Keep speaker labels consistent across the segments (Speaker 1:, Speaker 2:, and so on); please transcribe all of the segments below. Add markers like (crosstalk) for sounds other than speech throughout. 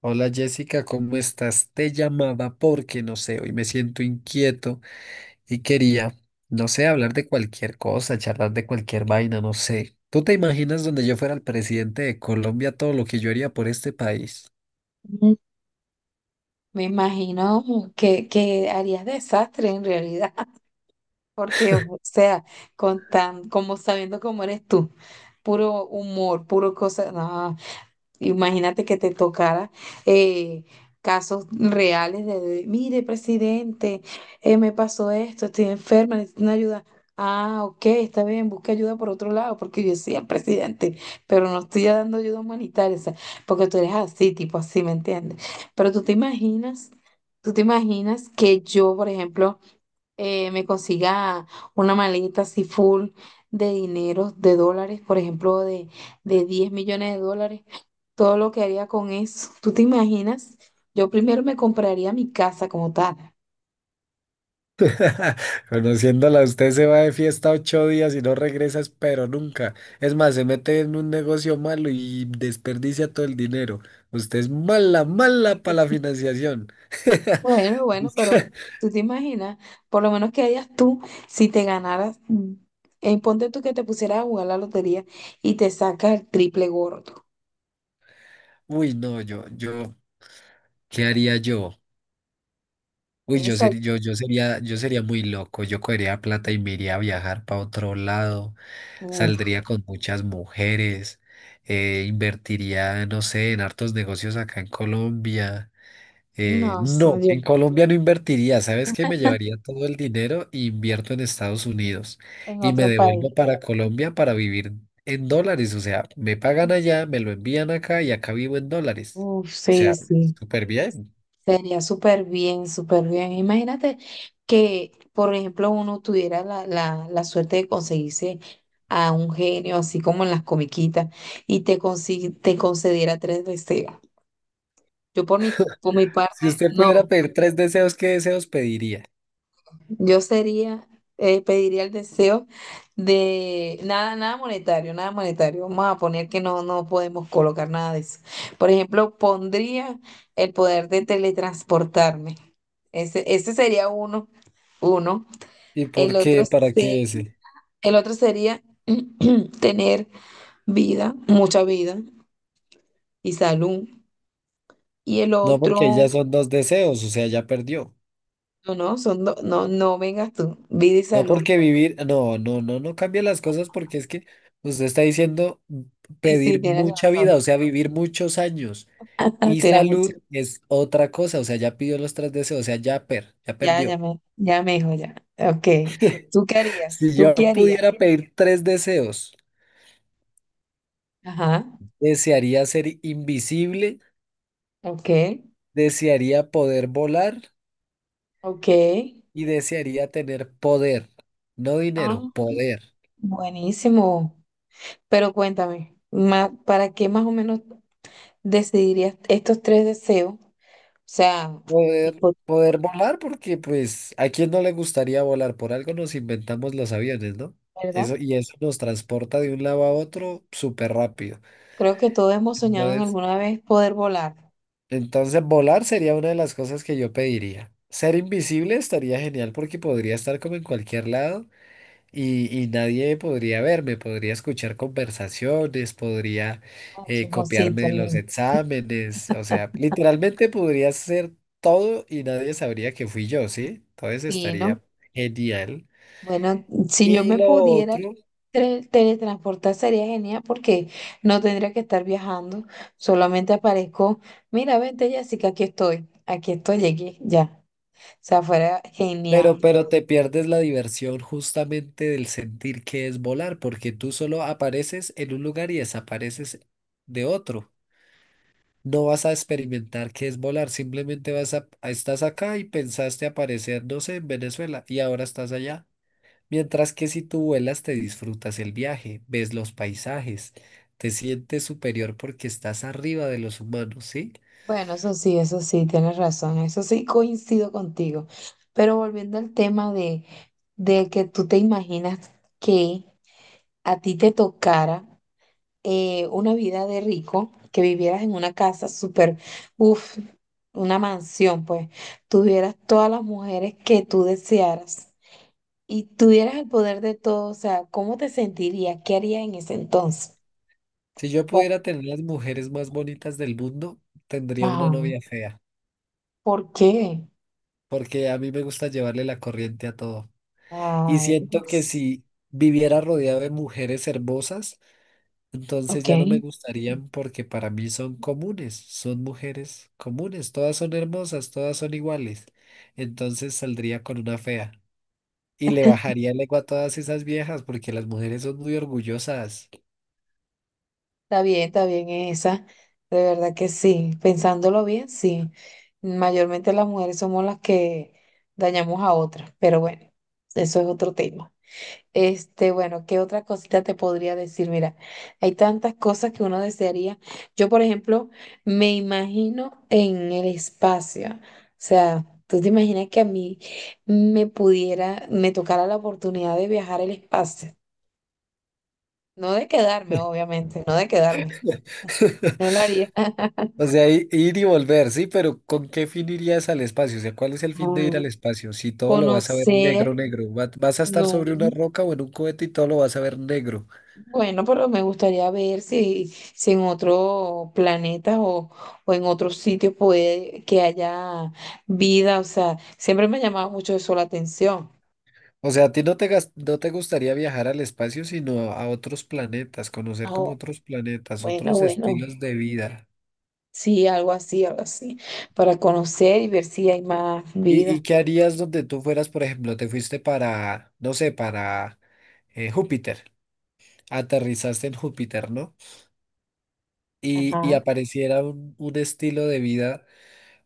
Speaker 1: Hola Jessica, ¿cómo estás? Te llamaba porque no sé, hoy me siento inquieto y quería, no sé, hablar de cualquier cosa, charlar de cualquier vaina, no sé. ¿Tú te imaginas donde yo fuera el presidente de Colombia todo lo que yo haría por este país?
Speaker 2: Mm. Me imagino que harías desastre en realidad, (laughs) porque, o sea, con tan, como sabiendo cómo eres tú, puro humor, puro cosa, no. Imagínate que te tocara eh, casos reales de, mire, presidente, me pasó esto, estoy enferma, necesito una ayuda. Ah, ok, está bien, busca ayuda por otro lado, porque yo soy presidente, pero no estoy dando ayuda humanitaria, o sea, porque tú eres así, tipo así, ¿me entiendes? Pero tú te imaginas que yo, por ejemplo, me consiga una maleta así full de dinero, de dólares, por ejemplo, de 10 millones de dólares todo lo que haría con eso. (laughs) ¿Tú te imaginas? Yo primero me compraría mi casa como tal.
Speaker 1: (laughs) Conociéndola, usted se va de fiesta 8 días y no regresa, pero nunca. Es más, se mete en un negocio malo y desperdicia todo el dinero. Usted es mala, mala para la financiación. (laughs)
Speaker 2: Bueno, bueno, pero tú te imaginas, por lo menos que harías tú si te ganaras, ponte tú que te pusieras a jugar la lotería y te sacas el triple gordo.
Speaker 1: Uy, no, ¿qué haría yo? Uy, yo
Speaker 2: Esa,
Speaker 1: sería, yo, yo sería, yo sería muy loco. Yo cogería plata y me iría a viajar para otro lado.
Speaker 2: uf,
Speaker 1: Saldría con muchas mujeres. Invertiría, no sé, en hartos negocios acá en Colombia.
Speaker 2: no,
Speaker 1: No,
Speaker 2: soy yo
Speaker 1: en Colombia no invertiría. ¿Sabes qué? Me llevaría todo el dinero e invierto en Estados Unidos.
Speaker 2: en
Speaker 1: Y me
Speaker 2: otro país.
Speaker 1: devuelvo para Colombia para vivir en dólares. O sea, me pagan allá, me lo envían acá y acá vivo en dólares.
Speaker 2: Uf,
Speaker 1: O
Speaker 2: sí,
Speaker 1: sea,
Speaker 2: sí.
Speaker 1: súper bien.
Speaker 2: Sería súper bien, súper bien. Imagínate que, por ejemplo, uno tuviera la suerte de conseguirse a un genio, así como en las comiquitas, y te, te concediera tres deseos. Yo por mi parte,
Speaker 1: Si usted pudiera
Speaker 2: no.
Speaker 1: pedir tres deseos, ¿qué deseos pediría?
Speaker 2: Yo sería, pediría el deseo de nada, nada monetario, nada monetario. Vamos a poner que no, no podemos colocar nada de eso. Por ejemplo, pondría el poder de teletransportarme. Ese sería uno, uno.
Speaker 1: ¿Y por
Speaker 2: El otro
Speaker 1: qué? ¿Para qué
Speaker 2: se-
Speaker 1: ese?
Speaker 2: el otro sería (clears throat) tener vida, mucha vida y salud. Y el
Speaker 1: No porque ahí ya
Speaker 2: otro,
Speaker 1: son dos deseos, o sea, ya perdió.
Speaker 2: no, no, no, no vengas tú, vida y
Speaker 1: No
Speaker 2: salud.
Speaker 1: porque vivir, no cambia las cosas porque es que usted está diciendo
Speaker 2: Sí, sí,
Speaker 1: pedir
Speaker 2: tienes
Speaker 1: mucha
Speaker 2: razón.
Speaker 1: vida, o sea, vivir muchos años.
Speaker 2: (laughs)
Speaker 1: Y
Speaker 2: Tienes mucha.
Speaker 1: salud es otra cosa, o sea, ya pidió los tres deseos, o sea, ya
Speaker 2: Ya,
Speaker 1: perdió.
Speaker 2: ya me dijo ya. Ok.
Speaker 1: (laughs)
Speaker 2: ¿Tú qué harías?
Speaker 1: Si
Speaker 2: ¿Tú qué
Speaker 1: yo pudiera
Speaker 2: harías?
Speaker 1: pedir tres deseos,
Speaker 2: Ajá.
Speaker 1: desearía ser invisible,
Speaker 2: Ok.
Speaker 1: desearía poder volar
Speaker 2: Ok.
Speaker 1: y desearía tener poder, no
Speaker 2: Ah,
Speaker 1: dinero, poder.
Speaker 2: buenísimo. Pero cuéntame, ¿para qué más o menos decidirías estos tres deseos? O sea,
Speaker 1: Poder,
Speaker 2: hipo-
Speaker 1: poder volar, porque pues a quién no le gustaría volar, por algo nos inventamos los aviones, ¿no?
Speaker 2: ¿verdad?
Speaker 1: Eso, y eso nos transporta de un lado a otro súper rápido.
Speaker 2: Creo que todos hemos soñado en
Speaker 1: Entonces,
Speaker 2: alguna vez poder volar.
Speaker 1: entonces volar sería una de las cosas que yo pediría. Ser invisible estaría genial porque podría estar como en cualquier lado. Y nadie podría verme, podría escuchar conversaciones, podría
Speaker 2: Ah,
Speaker 1: copiarme
Speaker 2: chismosito,
Speaker 1: de los
Speaker 2: lindo.
Speaker 1: exámenes, o sea, literalmente podría hacer todo y nadie sabría que fui yo, ¿sí? Entonces
Speaker 2: Fino.
Speaker 1: estaría genial.
Speaker 2: Bueno, si yo
Speaker 1: Y
Speaker 2: me
Speaker 1: lo
Speaker 2: pudiera
Speaker 1: otro,
Speaker 2: teletransportar sería genial porque no tendría que estar viajando, solamente aparezco, mira, vente Jessica, aquí estoy, llegué, ya. O sea, fuera genial,
Speaker 1: pero,
Speaker 2: de
Speaker 1: pero
Speaker 2: verdad.
Speaker 1: te pierdes la diversión justamente del sentir que es volar, porque tú solo apareces en un lugar y desapareces de otro. No vas a experimentar qué es volar, simplemente estás acá y pensaste aparecer, no sé, en Venezuela y ahora estás allá. Mientras que si tú vuelas, te disfrutas el viaje, ves los paisajes, te sientes superior porque estás arriba de los humanos, ¿sí?
Speaker 2: Bueno, eso sí, tienes razón, eso sí coincido contigo. Pero volviendo al tema de que tú te imaginas que a ti te tocara. Una vida de rico, que vivieras en una casa súper, uff, una mansión, pues, tuvieras todas las mujeres que tú desearas y tuvieras el poder de todo, o sea, ¿cómo te sentirías? ¿Qué harías en ese entonces?
Speaker 1: Si yo
Speaker 2: O-
Speaker 1: pudiera tener las mujeres más bonitas del mundo, tendría una
Speaker 2: ajá,
Speaker 1: novia fea,
Speaker 2: ¿por qué?
Speaker 1: porque a mí me gusta llevarle la corriente a todo. Y
Speaker 2: Ah,
Speaker 1: siento que
Speaker 2: Dios.
Speaker 1: si viviera rodeado de mujeres hermosas, entonces
Speaker 2: Ok,
Speaker 1: ya no me gustarían porque para mí son comunes, son mujeres comunes, todas son hermosas, todas son iguales. Entonces saldría con una fea y le bajaría el ego a todas esas viejas porque las mujeres son muy orgullosas.
Speaker 2: está bien esa. De verdad que sí, pensándolo bien, sí. Mayormente las mujeres somos las que dañamos a otras, pero bueno, eso es otro tema. Este, bueno, ¿qué otra cosita te podría decir? Mira, hay tantas cosas que uno desearía. Yo, por ejemplo, me imagino en el espacio. O sea, tú te imaginas que a mí me pudiera, me tocara la oportunidad de viajar al espacio. No de quedarme, obviamente, no de quedarme.
Speaker 1: (laughs)
Speaker 2: No lo haría. (laughs)
Speaker 1: O sea, ir y volver, sí, pero ¿con qué fin irías al espacio? O sea, ¿cuál es el fin de
Speaker 2: Ah,
Speaker 1: ir al espacio? Si todo lo vas a ver
Speaker 2: conocer,
Speaker 1: negro, negro, vas a estar sobre una
Speaker 2: no.
Speaker 1: roca o en un cohete y todo lo vas a ver negro.
Speaker 2: Bueno, pero me gustaría ver si, si en otro planeta o en otros sitios puede que haya vida. O sea, siempre me ha llamado mucho eso la atención.
Speaker 1: O sea, a ti no te gustaría viajar al espacio, sino a otros planetas,
Speaker 2: Ah,
Speaker 1: conocer como
Speaker 2: oh,
Speaker 1: otros planetas,
Speaker 2: bueno,
Speaker 1: otros
Speaker 2: bueno,
Speaker 1: estilos de vida.
Speaker 2: sí, algo así, para conocer y ver si hay más
Speaker 1: ¿Y,
Speaker 2: vida.
Speaker 1: y qué harías donde tú fueras, por ejemplo, te fuiste para, no sé, para Júpiter, aterrizaste en Júpiter, ¿no? Y
Speaker 2: Ajá.
Speaker 1: apareciera un estilo de vida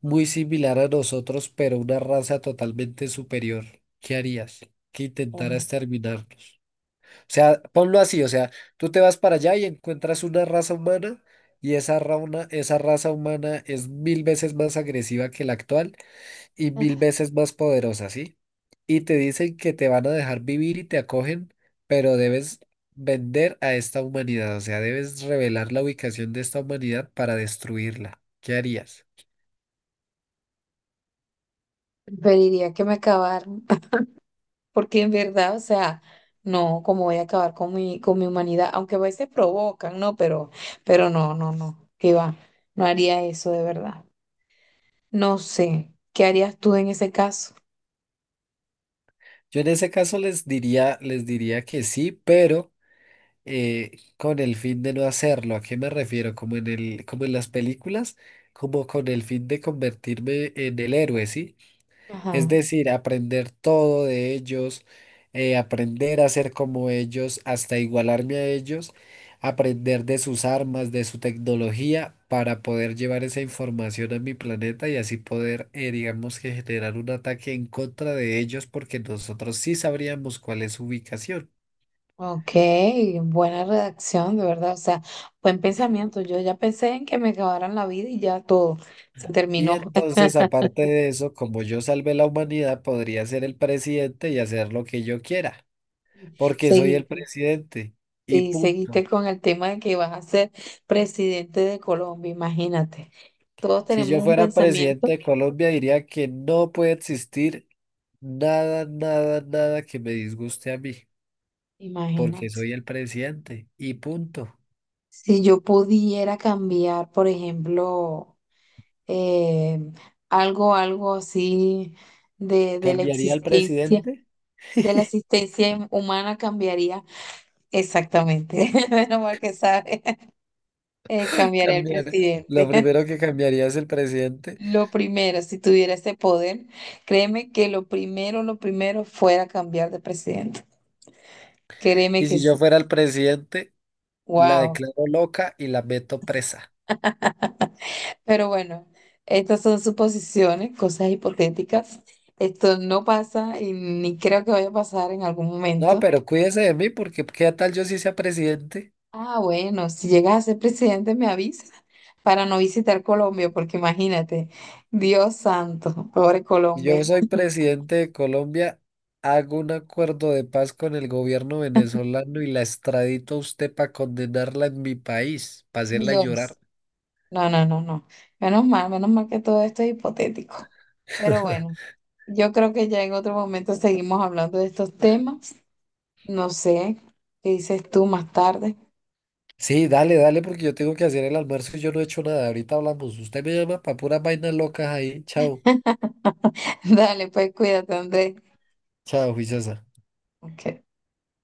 Speaker 1: muy similar a nosotros, pero una raza totalmente superior. ¿Qué harías? ¿Qué
Speaker 2: Bueno.
Speaker 1: intentaras terminar? O sea, ponlo así, o sea, tú te vas para allá y encuentras una raza humana y esa raza humana es mil veces más agresiva que la actual y mil veces más poderosa, ¿sí? Y te dicen que te van a dejar vivir y te acogen, pero debes vender a esta humanidad, o sea, debes revelar la ubicación de esta humanidad para destruirla. ¿Qué harías?
Speaker 2: Preferiría que me acabaran, (laughs) porque en verdad, o sea, no, como voy a acabar con mi humanidad, aunque a veces provocan, ¿no? Pero no, no, no, que va, no haría eso de verdad. No sé, ¿qué harías tú en ese caso?
Speaker 1: Yo en ese caso les diría que sí, pero con el fin de no hacerlo. ¿A qué me refiero? Como en las películas, como con el fin de convertirme en el héroe, ¿sí? Es
Speaker 2: Ajá.
Speaker 1: decir, aprender todo de ellos, aprender a ser como ellos, hasta igualarme a ellos, aprender de sus armas, de su tecnología, para poder llevar esa información a mi planeta y así poder, digamos que generar un ataque en contra de ellos, porque nosotros sí sabríamos cuál es su ubicación.
Speaker 2: Ok, buena redacción, de verdad. O sea, buen pensamiento. Yo ya pensé en que me acabaran la vida y ya todo se
Speaker 1: Y
Speaker 2: terminó. (laughs)
Speaker 1: entonces, aparte de eso, como yo salvé la humanidad, podría ser el presidente y hacer lo que yo quiera, porque soy el
Speaker 2: Seguiste,
Speaker 1: presidente. Y
Speaker 2: sí,
Speaker 1: punto.
Speaker 2: seguiste con el tema de que vas a ser presidente de Colombia, imagínate. Todos
Speaker 1: Si
Speaker 2: tenemos
Speaker 1: yo
Speaker 2: un
Speaker 1: fuera
Speaker 2: pensamiento,
Speaker 1: presidente de Colombia, diría que no puede existir nada, nada, nada que me disguste a mí, porque
Speaker 2: imagínate.
Speaker 1: soy el presidente. Y punto.
Speaker 2: Si yo pudiera cambiar, por ejemplo, eh, algo, algo así de la
Speaker 1: ¿Cambiaría al
Speaker 2: existencia.
Speaker 1: presidente?
Speaker 2: De la
Speaker 1: (laughs)
Speaker 2: asistencia humana cambiaría exactamente. (laughs) Menos mal que sabe, cambiaría el
Speaker 1: Cambiar. Lo
Speaker 2: presidente.
Speaker 1: primero
Speaker 2: (laughs)
Speaker 1: que cambiaría es el presidente.
Speaker 2: Lo primero, si tuviera ese poder, créeme que lo primero fuera cambiar de presidente. Créeme
Speaker 1: Y
Speaker 2: que
Speaker 1: si
Speaker 2: sí.
Speaker 1: yo fuera el presidente, la
Speaker 2: Wow.
Speaker 1: declaro loca y la meto presa.
Speaker 2: (laughs) Pero bueno, estas son suposiciones, cosas hipotéticas. Esto no pasa y ni creo que vaya a pasar en algún
Speaker 1: No,
Speaker 2: momento.
Speaker 1: pero cuídese de mí porque qué tal yo sí sea presidente
Speaker 2: Ah, bueno, si llegas a ser presidente me avisas para no visitar Colombia, porque imagínate, Dios santo, pobre
Speaker 1: y yo
Speaker 2: Colombia,
Speaker 1: soy presidente de Colombia, hago un acuerdo de paz con el gobierno venezolano y la extradito a usted para condenarla en mi país, para hacerla llorar.
Speaker 2: Dios. No, no, no, no. Menos mal que todo esto es hipotético. Pero bueno,
Speaker 1: (laughs)
Speaker 2: yo creo que ya en otro momento seguimos hablando de estos temas. No sé, ¿qué dices tú más tarde?
Speaker 1: Sí, dale, dale porque yo tengo que hacer el almuerzo y yo no he hecho nada. Ahorita hablamos. Usted me llama para puras vainas locas ahí. Chao,
Speaker 2: (laughs) Dale, pues cuídate, Andrés.
Speaker 1: chao, juiciosa.
Speaker 2: Ok.